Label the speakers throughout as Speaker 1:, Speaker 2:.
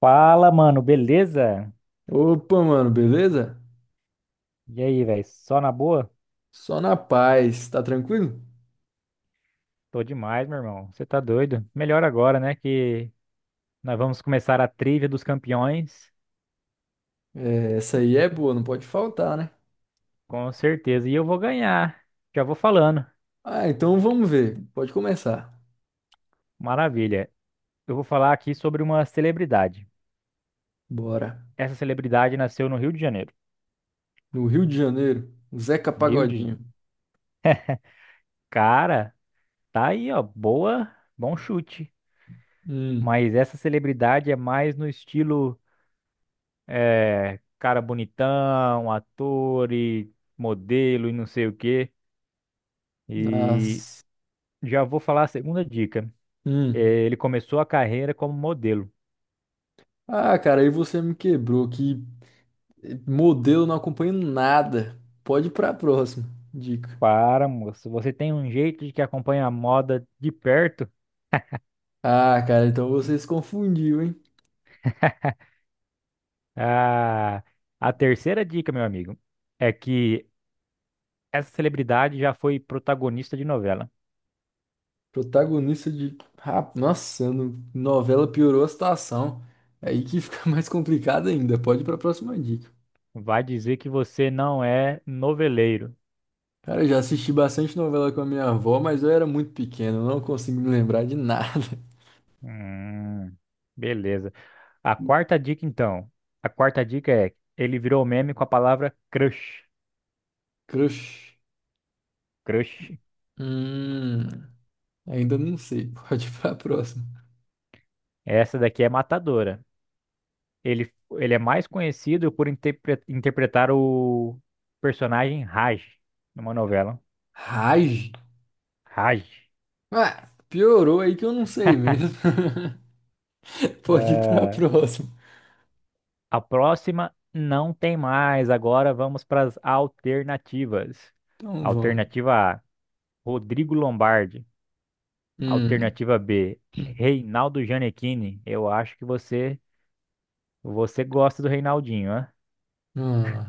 Speaker 1: Fala, mano, beleza?
Speaker 2: Opa, mano, beleza?
Speaker 1: E aí, velho? Só na boa?
Speaker 2: Só na paz, tá tranquilo?
Speaker 1: Tô demais, meu irmão. Você tá doido? Melhor agora, né? Que nós vamos começar a trivia dos campeões.
Speaker 2: É, essa
Speaker 1: E-
Speaker 2: aí é boa, não pode faltar, né?
Speaker 1: Com certeza. E eu vou ganhar. Já vou falando.
Speaker 2: Ah, então vamos ver. Pode começar.
Speaker 1: Maravilha. Eu vou falar aqui sobre uma celebridade.
Speaker 2: Bora.
Speaker 1: Essa celebridade nasceu no Rio de Janeiro.
Speaker 2: No Rio de Janeiro, o Zeca
Speaker 1: Rio de.
Speaker 2: Pagodinho.
Speaker 1: Cara, tá aí, ó. Boa. Bom chute.
Speaker 2: Hum,
Speaker 1: Mas essa celebridade é mais no estilo. É, cara bonitão, ator e modelo e não sei o quê. E
Speaker 2: Nossa.
Speaker 1: já vou falar a segunda dica. É,
Speaker 2: Hum.
Speaker 1: ele começou a carreira como modelo.
Speaker 2: Ah, cara, aí você me quebrou. Que modelo não acompanho nada. Pode ir pra próxima. Dica.
Speaker 1: Para, moço, você tem um jeito de que acompanha a moda de perto.
Speaker 2: Ah, cara, então você se confundiu, hein?
Speaker 1: Ah, a terceira dica, meu amigo, é que essa celebridade já foi protagonista de novela.
Speaker 2: Protagonista de. Ah, nossa, novela piorou a situação. É. Aí que fica mais complicado ainda. Pode ir pra próxima dica.
Speaker 1: Vai dizer que você não é noveleiro.
Speaker 2: Cara, eu já assisti bastante novela com a minha avó, mas eu era muito pequeno, não consigo me lembrar de nada.
Speaker 1: Hum, beleza. A quarta dica, então. A quarta dica é: ele virou meme com a palavra crush.
Speaker 2: Crush.
Speaker 1: Crush.
Speaker 2: Hum, Ainda não sei. Pode ir pra próxima.
Speaker 1: Essa daqui é matadora. Ele é mais conhecido por interpretar o personagem Raj numa novela.
Speaker 2: Rage.
Speaker 1: Raj.
Speaker 2: Ah, piorou aí que eu não sei mesmo. Pode ir pra
Speaker 1: É,
Speaker 2: próxima.
Speaker 1: a próxima não tem mais. Agora vamos para as alternativas.
Speaker 2: Então vamos.
Speaker 1: Alternativa A: Rodrigo Lombardi.
Speaker 2: Hum,
Speaker 1: Alternativa B: Reinaldo Gianecchini. Eu acho que você Você gosta do Reinaldinho, né?
Speaker 2: ah.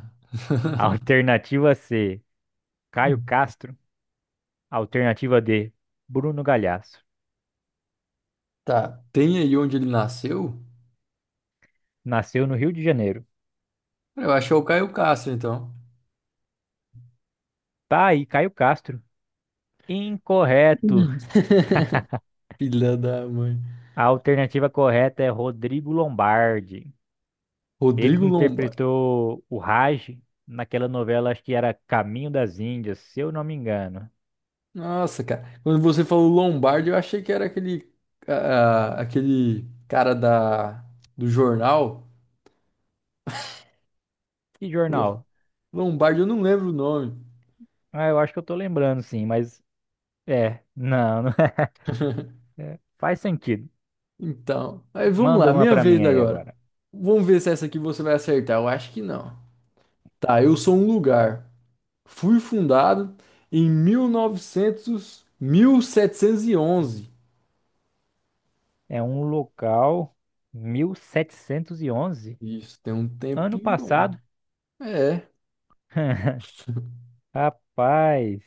Speaker 1: Alternativa C, Caio
Speaker 2: Hum.
Speaker 1: Castro. Alternativa D, Bruno Galhaço.
Speaker 2: Tá. Tem aí onde ele nasceu?
Speaker 1: Nasceu no Rio de Janeiro.
Speaker 2: Eu acho é o Caio Castro, então.
Speaker 1: Tá aí, Caio Castro. Incorreto.
Speaker 2: Hum. Filha da mãe.
Speaker 1: A alternativa correta é Rodrigo Lombardi. Ele que
Speaker 2: Rodrigo Lombardi.
Speaker 1: interpretou o Raj naquela novela, acho que era Caminho das Índias, se eu não me engano.
Speaker 2: Nossa, cara. Quando você falou Lombardi, eu achei que era aquele, ah, aquele cara da, do jornal.
Speaker 1: Que
Speaker 2: Lo-
Speaker 1: jornal?
Speaker 2: Lombardi, eu não lembro o nome.
Speaker 1: Ah, eu acho que eu tô lembrando sim, mas é, não, não é. Faz sentido.
Speaker 2: Então, aí vamos
Speaker 1: Manda
Speaker 2: lá,
Speaker 1: uma
Speaker 2: minha
Speaker 1: pra mim
Speaker 2: vez
Speaker 1: aí
Speaker 2: agora.
Speaker 1: agora.
Speaker 2: Vamos ver se essa aqui você vai acertar. Eu acho que não. Tá, eu sou um lugar. Fui fundado em mil setecentos e onze.
Speaker 1: É um local 1711
Speaker 2: Isso, tem um
Speaker 1: ano
Speaker 2: tempinho bom.
Speaker 1: passado.
Speaker 2: É,
Speaker 1: Rapaz,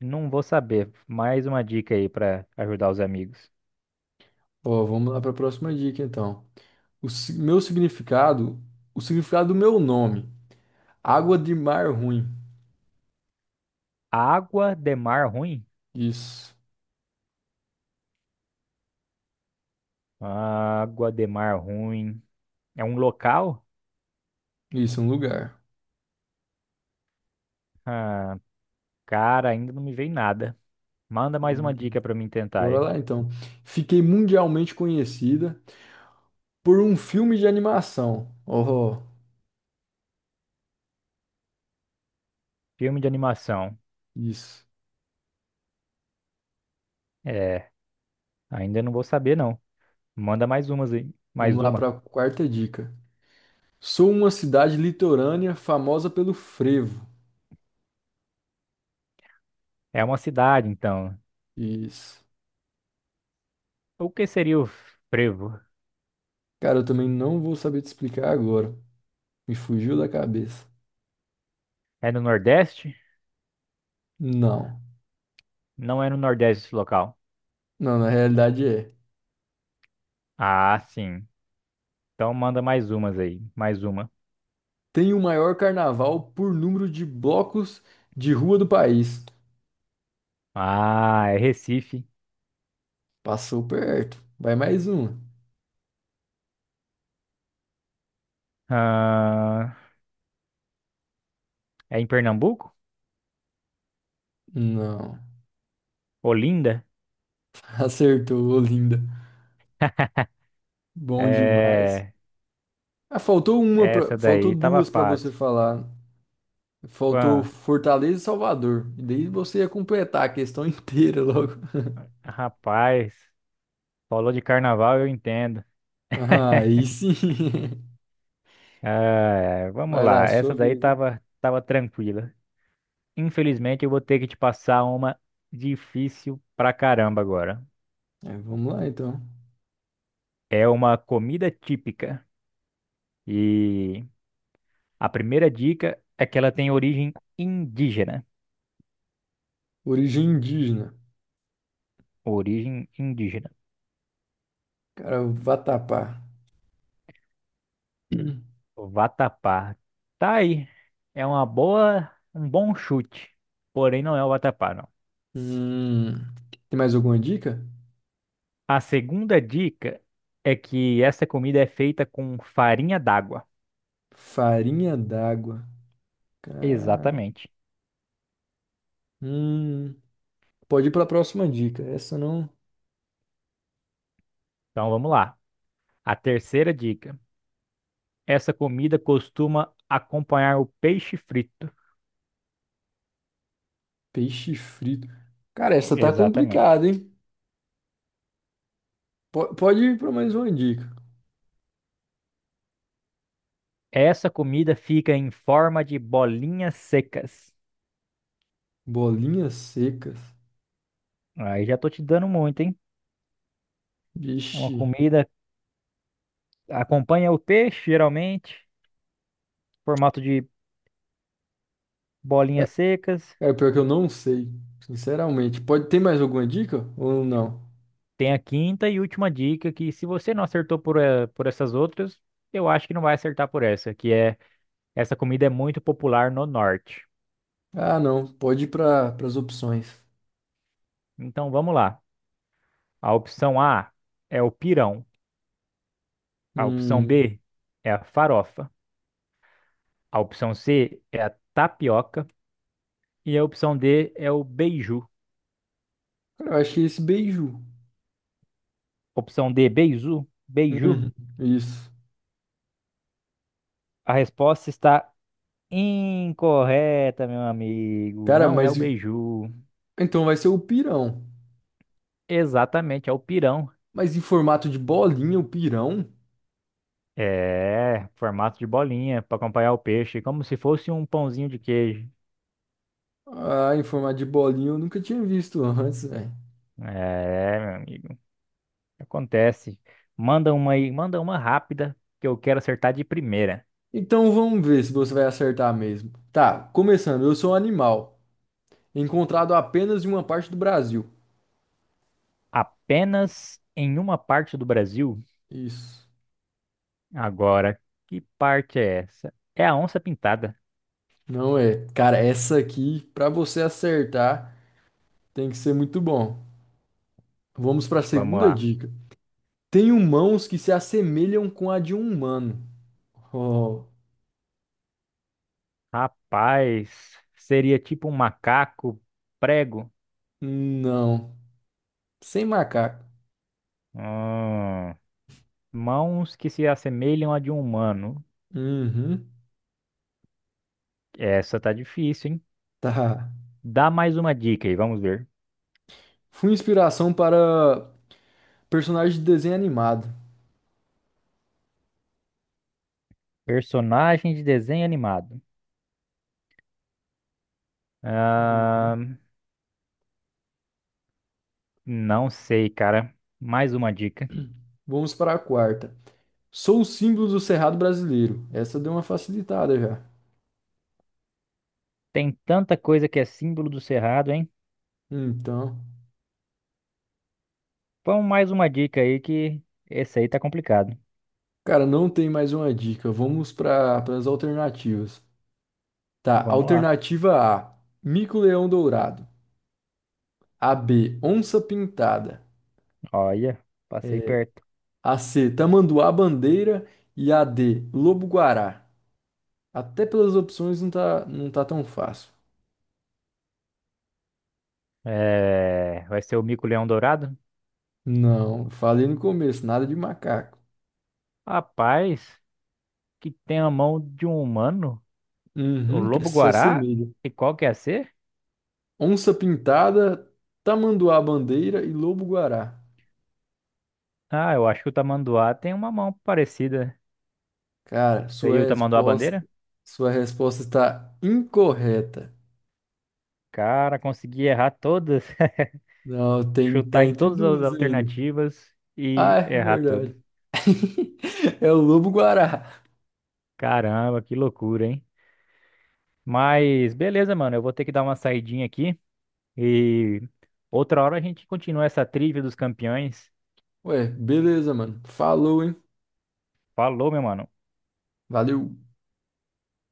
Speaker 1: não vou saber. Mais uma dica aí para ajudar os amigos.
Speaker 2: ó, vamos lá para a próxima dica então. O si- meu significado, o significado do meu nome, água de mar ruim.
Speaker 1: Água de mar ruim?
Speaker 2: Isso,
Speaker 1: Água de mar ruim. É um local?
Speaker 2: isso, é um lugar.
Speaker 1: Ah, cara, ainda não me veio nada. Manda mais uma
Speaker 2: Hum,
Speaker 1: dica para mim tentar
Speaker 2: Bora
Speaker 1: aí.
Speaker 2: lá então. Fiquei mundialmente conhecida por um filme de animação. Oh,
Speaker 1: Filme de animação.
Speaker 2: isso.
Speaker 1: É, ainda não vou saber não. Manda mais umas aí. Mais
Speaker 2: Vamos lá para
Speaker 1: uma.
Speaker 2: a quarta dica. Sou uma cidade litorânea famosa pelo frevo.
Speaker 1: É uma cidade, então.
Speaker 2: Isso.
Speaker 1: O que seria o frevo?
Speaker 2: Cara, eu também não vou saber te explicar agora. Me fugiu da cabeça.
Speaker 1: É no Nordeste?
Speaker 2: Não.
Speaker 1: Não é no Nordeste esse local.
Speaker 2: Não, na realidade é.
Speaker 1: Ah, sim. Então manda mais umas aí. Mais uma.
Speaker 2: Tem o maior carnaval por número de blocos de rua do país.
Speaker 1: Ah, é Recife.
Speaker 2: Passou perto. Vai mais uma.
Speaker 1: Ah, é em Pernambuco?
Speaker 2: Não.
Speaker 1: Olinda?
Speaker 2: Acertou, linda. Bom demais.
Speaker 1: É.
Speaker 2: Ah, faltou uma
Speaker 1: Essa
Speaker 2: pra... faltou
Speaker 1: daí tava
Speaker 2: duas para você
Speaker 1: fácil.
Speaker 2: falar. Faltou
Speaker 1: Ah,
Speaker 2: Fortaleza e Salvador. E daí você ia completar a questão inteira logo.
Speaker 1: rapaz, falou de carnaval, eu entendo.
Speaker 2: Ah, aí sim.
Speaker 1: Ah, é, vamos
Speaker 2: Vai lá,
Speaker 1: lá. Essa
Speaker 2: sua
Speaker 1: daí
Speaker 2: vez, hein?
Speaker 1: tava, tava tranquila. Infelizmente, eu vou ter que te passar uma difícil pra caramba agora.
Speaker 2: É, vamos lá então.
Speaker 1: É uma comida típica. E a primeira dica é que ela tem origem indígena.
Speaker 2: Origem indígena.
Speaker 1: Origem indígena.
Speaker 2: Cara, o Vatapá.
Speaker 1: Vatapá. Tá aí. É uma boa, um bom chute. Porém, não é o vatapá, não.
Speaker 2: Hum, Tem mais alguma dica?
Speaker 1: A segunda dica é que essa comida é feita com farinha d'água.
Speaker 2: Farinha d'água. Ca-
Speaker 1: Exatamente.
Speaker 2: Hum, Pode ir para a próxima dica. Essa não.
Speaker 1: Então vamos lá. A terceira dica. Essa comida costuma acompanhar o peixe frito.
Speaker 2: Peixe frito. Cara, essa tá
Speaker 1: Exatamente.
Speaker 2: complicada, hein? Pode ir para mais uma dica.
Speaker 1: Essa comida fica em forma de bolinhas secas.
Speaker 2: Bolinhas secas.
Speaker 1: Aí já tô te dando muito, hein? É uma
Speaker 2: Vixe.
Speaker 1: comida, acompanha o peixe, geralmente, formato de
Speaker 2: É,
Speaker 1: bolinhas secas.
Speaker 2: pior que eu não sei, sinceramente. Pode ter mais alguma dica ou não?
Speaker 1: Tem a quinta e última dica, que se você não acertou por essas outras, eu acho que não vai acertar por essa, que é, essa comida é muito popular no norte.
Speaker 2: Ah, não. Pode ir para as opções.
Speaker 1: Então vamos lá. A opção A é o pirão. A opção
Speaker 2: Hum,
Speaker 1: B é a farofa. A opção C é a tapioca. E a opção D é o beiju.
Speaker 2: Cara, eu achei esse beiju.
Speaker 1: Opção D, beiju? Beiju?
Speaker 2: Uhum, isso.
Speaker 1: A resposta está Incorreta, meu amigo.
Speaker 2: Cara,
Speaker 1: Não é
Speaker 2: mas
Speaker 1: o beiju.
Speaker 2: então vai ser o pirão.
Speaker 1: Exatamente, é o pirão.
Speaker 2: Mas em formato de bolinha, o pirão?
Speaker 1: É, formato de bolinha para acompanhar o peixe, como se fosse um pãozinho de queijo.
Speaker 2: Ah, em forma de bolinho, eu nunca tinha visto antes, velho.
Speaker 1: É, meu amigo. Acontece. Manda uma aí, manda uma rápida que eu quero acertar de primeira.
Speaker 2: Então vamos ver se você vai acertar mesmo. Tá, começando. Eu sou um animal, encontrado apenas em uma parte do Brasil.
Speaker 1: Apenas em uma parte do Brasil.
Speaker 2: Isso.
Speaker 1: Agora, que parte é essa? É a onça pintada.
Speaker 2: Não é. Cara, essa aqui, pra você acertar, tem que ser muito bom. Vamos pra
Speaker 1: Vamos
Speaker 2: segunda
Speaker 1: lá.
Speaker 2: dica. Tenho mãos que se assemelham com a de um humano. Oh,
Speaker 1: Rapaz, seria tipo um macaco prego.
Speaker 2: não. Sem macaco.
Speaker 1: Hum. Mãos que se assemelham à de um humano.
Speaker 2: Uhum.
Speaker 1: Essa tá difícil, hein?
Speaker 2: Tá.
Speaker 1: Dá mais uma dica aí, vamos ver.
Speaker 2: Fui inspiração para personagem de desenho animado.
Speaker 1: Personagem de desenho animado.
Speaker 2: Uhum.
Speaker 1: Ah, não sei, cara. Mais uma dica.
Speaker 2: Vamos para a quarta. Sou o símbolo do Cerrado brasileiro. Essa deu uma facilitada já.
Speaker 1: Tem tanta coisa que é símbolo do cerrado, hein?
Speaker 2: Então,
Speaker 1: Vamos mais uma dica aí que esse aí tá complicado.
Speaker 2: cara, não tem mais uma dica. Vamos para as alternativas. Tá,
Speaker 1: Vamos lá.
Speaker 2: alternativa A, mico-leão dourado. A B, onça pintada.
Speaker 1: Olha, passei perto.
Speaker 2: A C, tamanduá bandeira e a D, lobo-guará. Até pelas opções não tá tão fácil.
Speaker 1: É, vai ser o mico-leão dourado?
Speaker 2: Não, falei no começo, nada de macaco.
Speaker 1: Rapaz, que tem a mão de um humano? O
Speaker 2: Uhum, que se
Speaker 1: lobo-guará?
Speaker 2: assemelha.
Speaker 1: E qual que é a C?
Speaker 2: Onça pintada, tamanduá bandeira e lobo guará.
Speaker 1: Ah, eu acho que o tamanduá tem uma mão parecida.
Speaker 2: Cara, sua
Speaker 1: Seria o tamanduá
Speaker 2: resposta,
Speaker 1: bandeira?
Speaker 2: sua resposta está incorreta.
Speaker 1: Cara, consegui errar todas.
Speaker 2: Não, tem,
Speaker 1: Chutar
Speaker 2: tá
Speaker 1: em
Speaker 2: entre
Speaker 1: todas as
Speaker 2: duas ainda.
Speaker 1: alternativas
Speaker 2: Ah,
Speaker 1: e
Speaker 2: é
Speaker 1: errar todas.
Speaker 2: verdade. É o lobo guará.
Speaker 1: Caramba, que loucura, hein? Mas beleza, mano. Eu vou ter que dar uma saidinha aqui e outra hora a gente continua essa trilha dos campeões.
Speaker 2: Ué, beleza, mano. Falou, hein?
Speaker 1: Falou, meu mano.
Speaker 2: Valeu.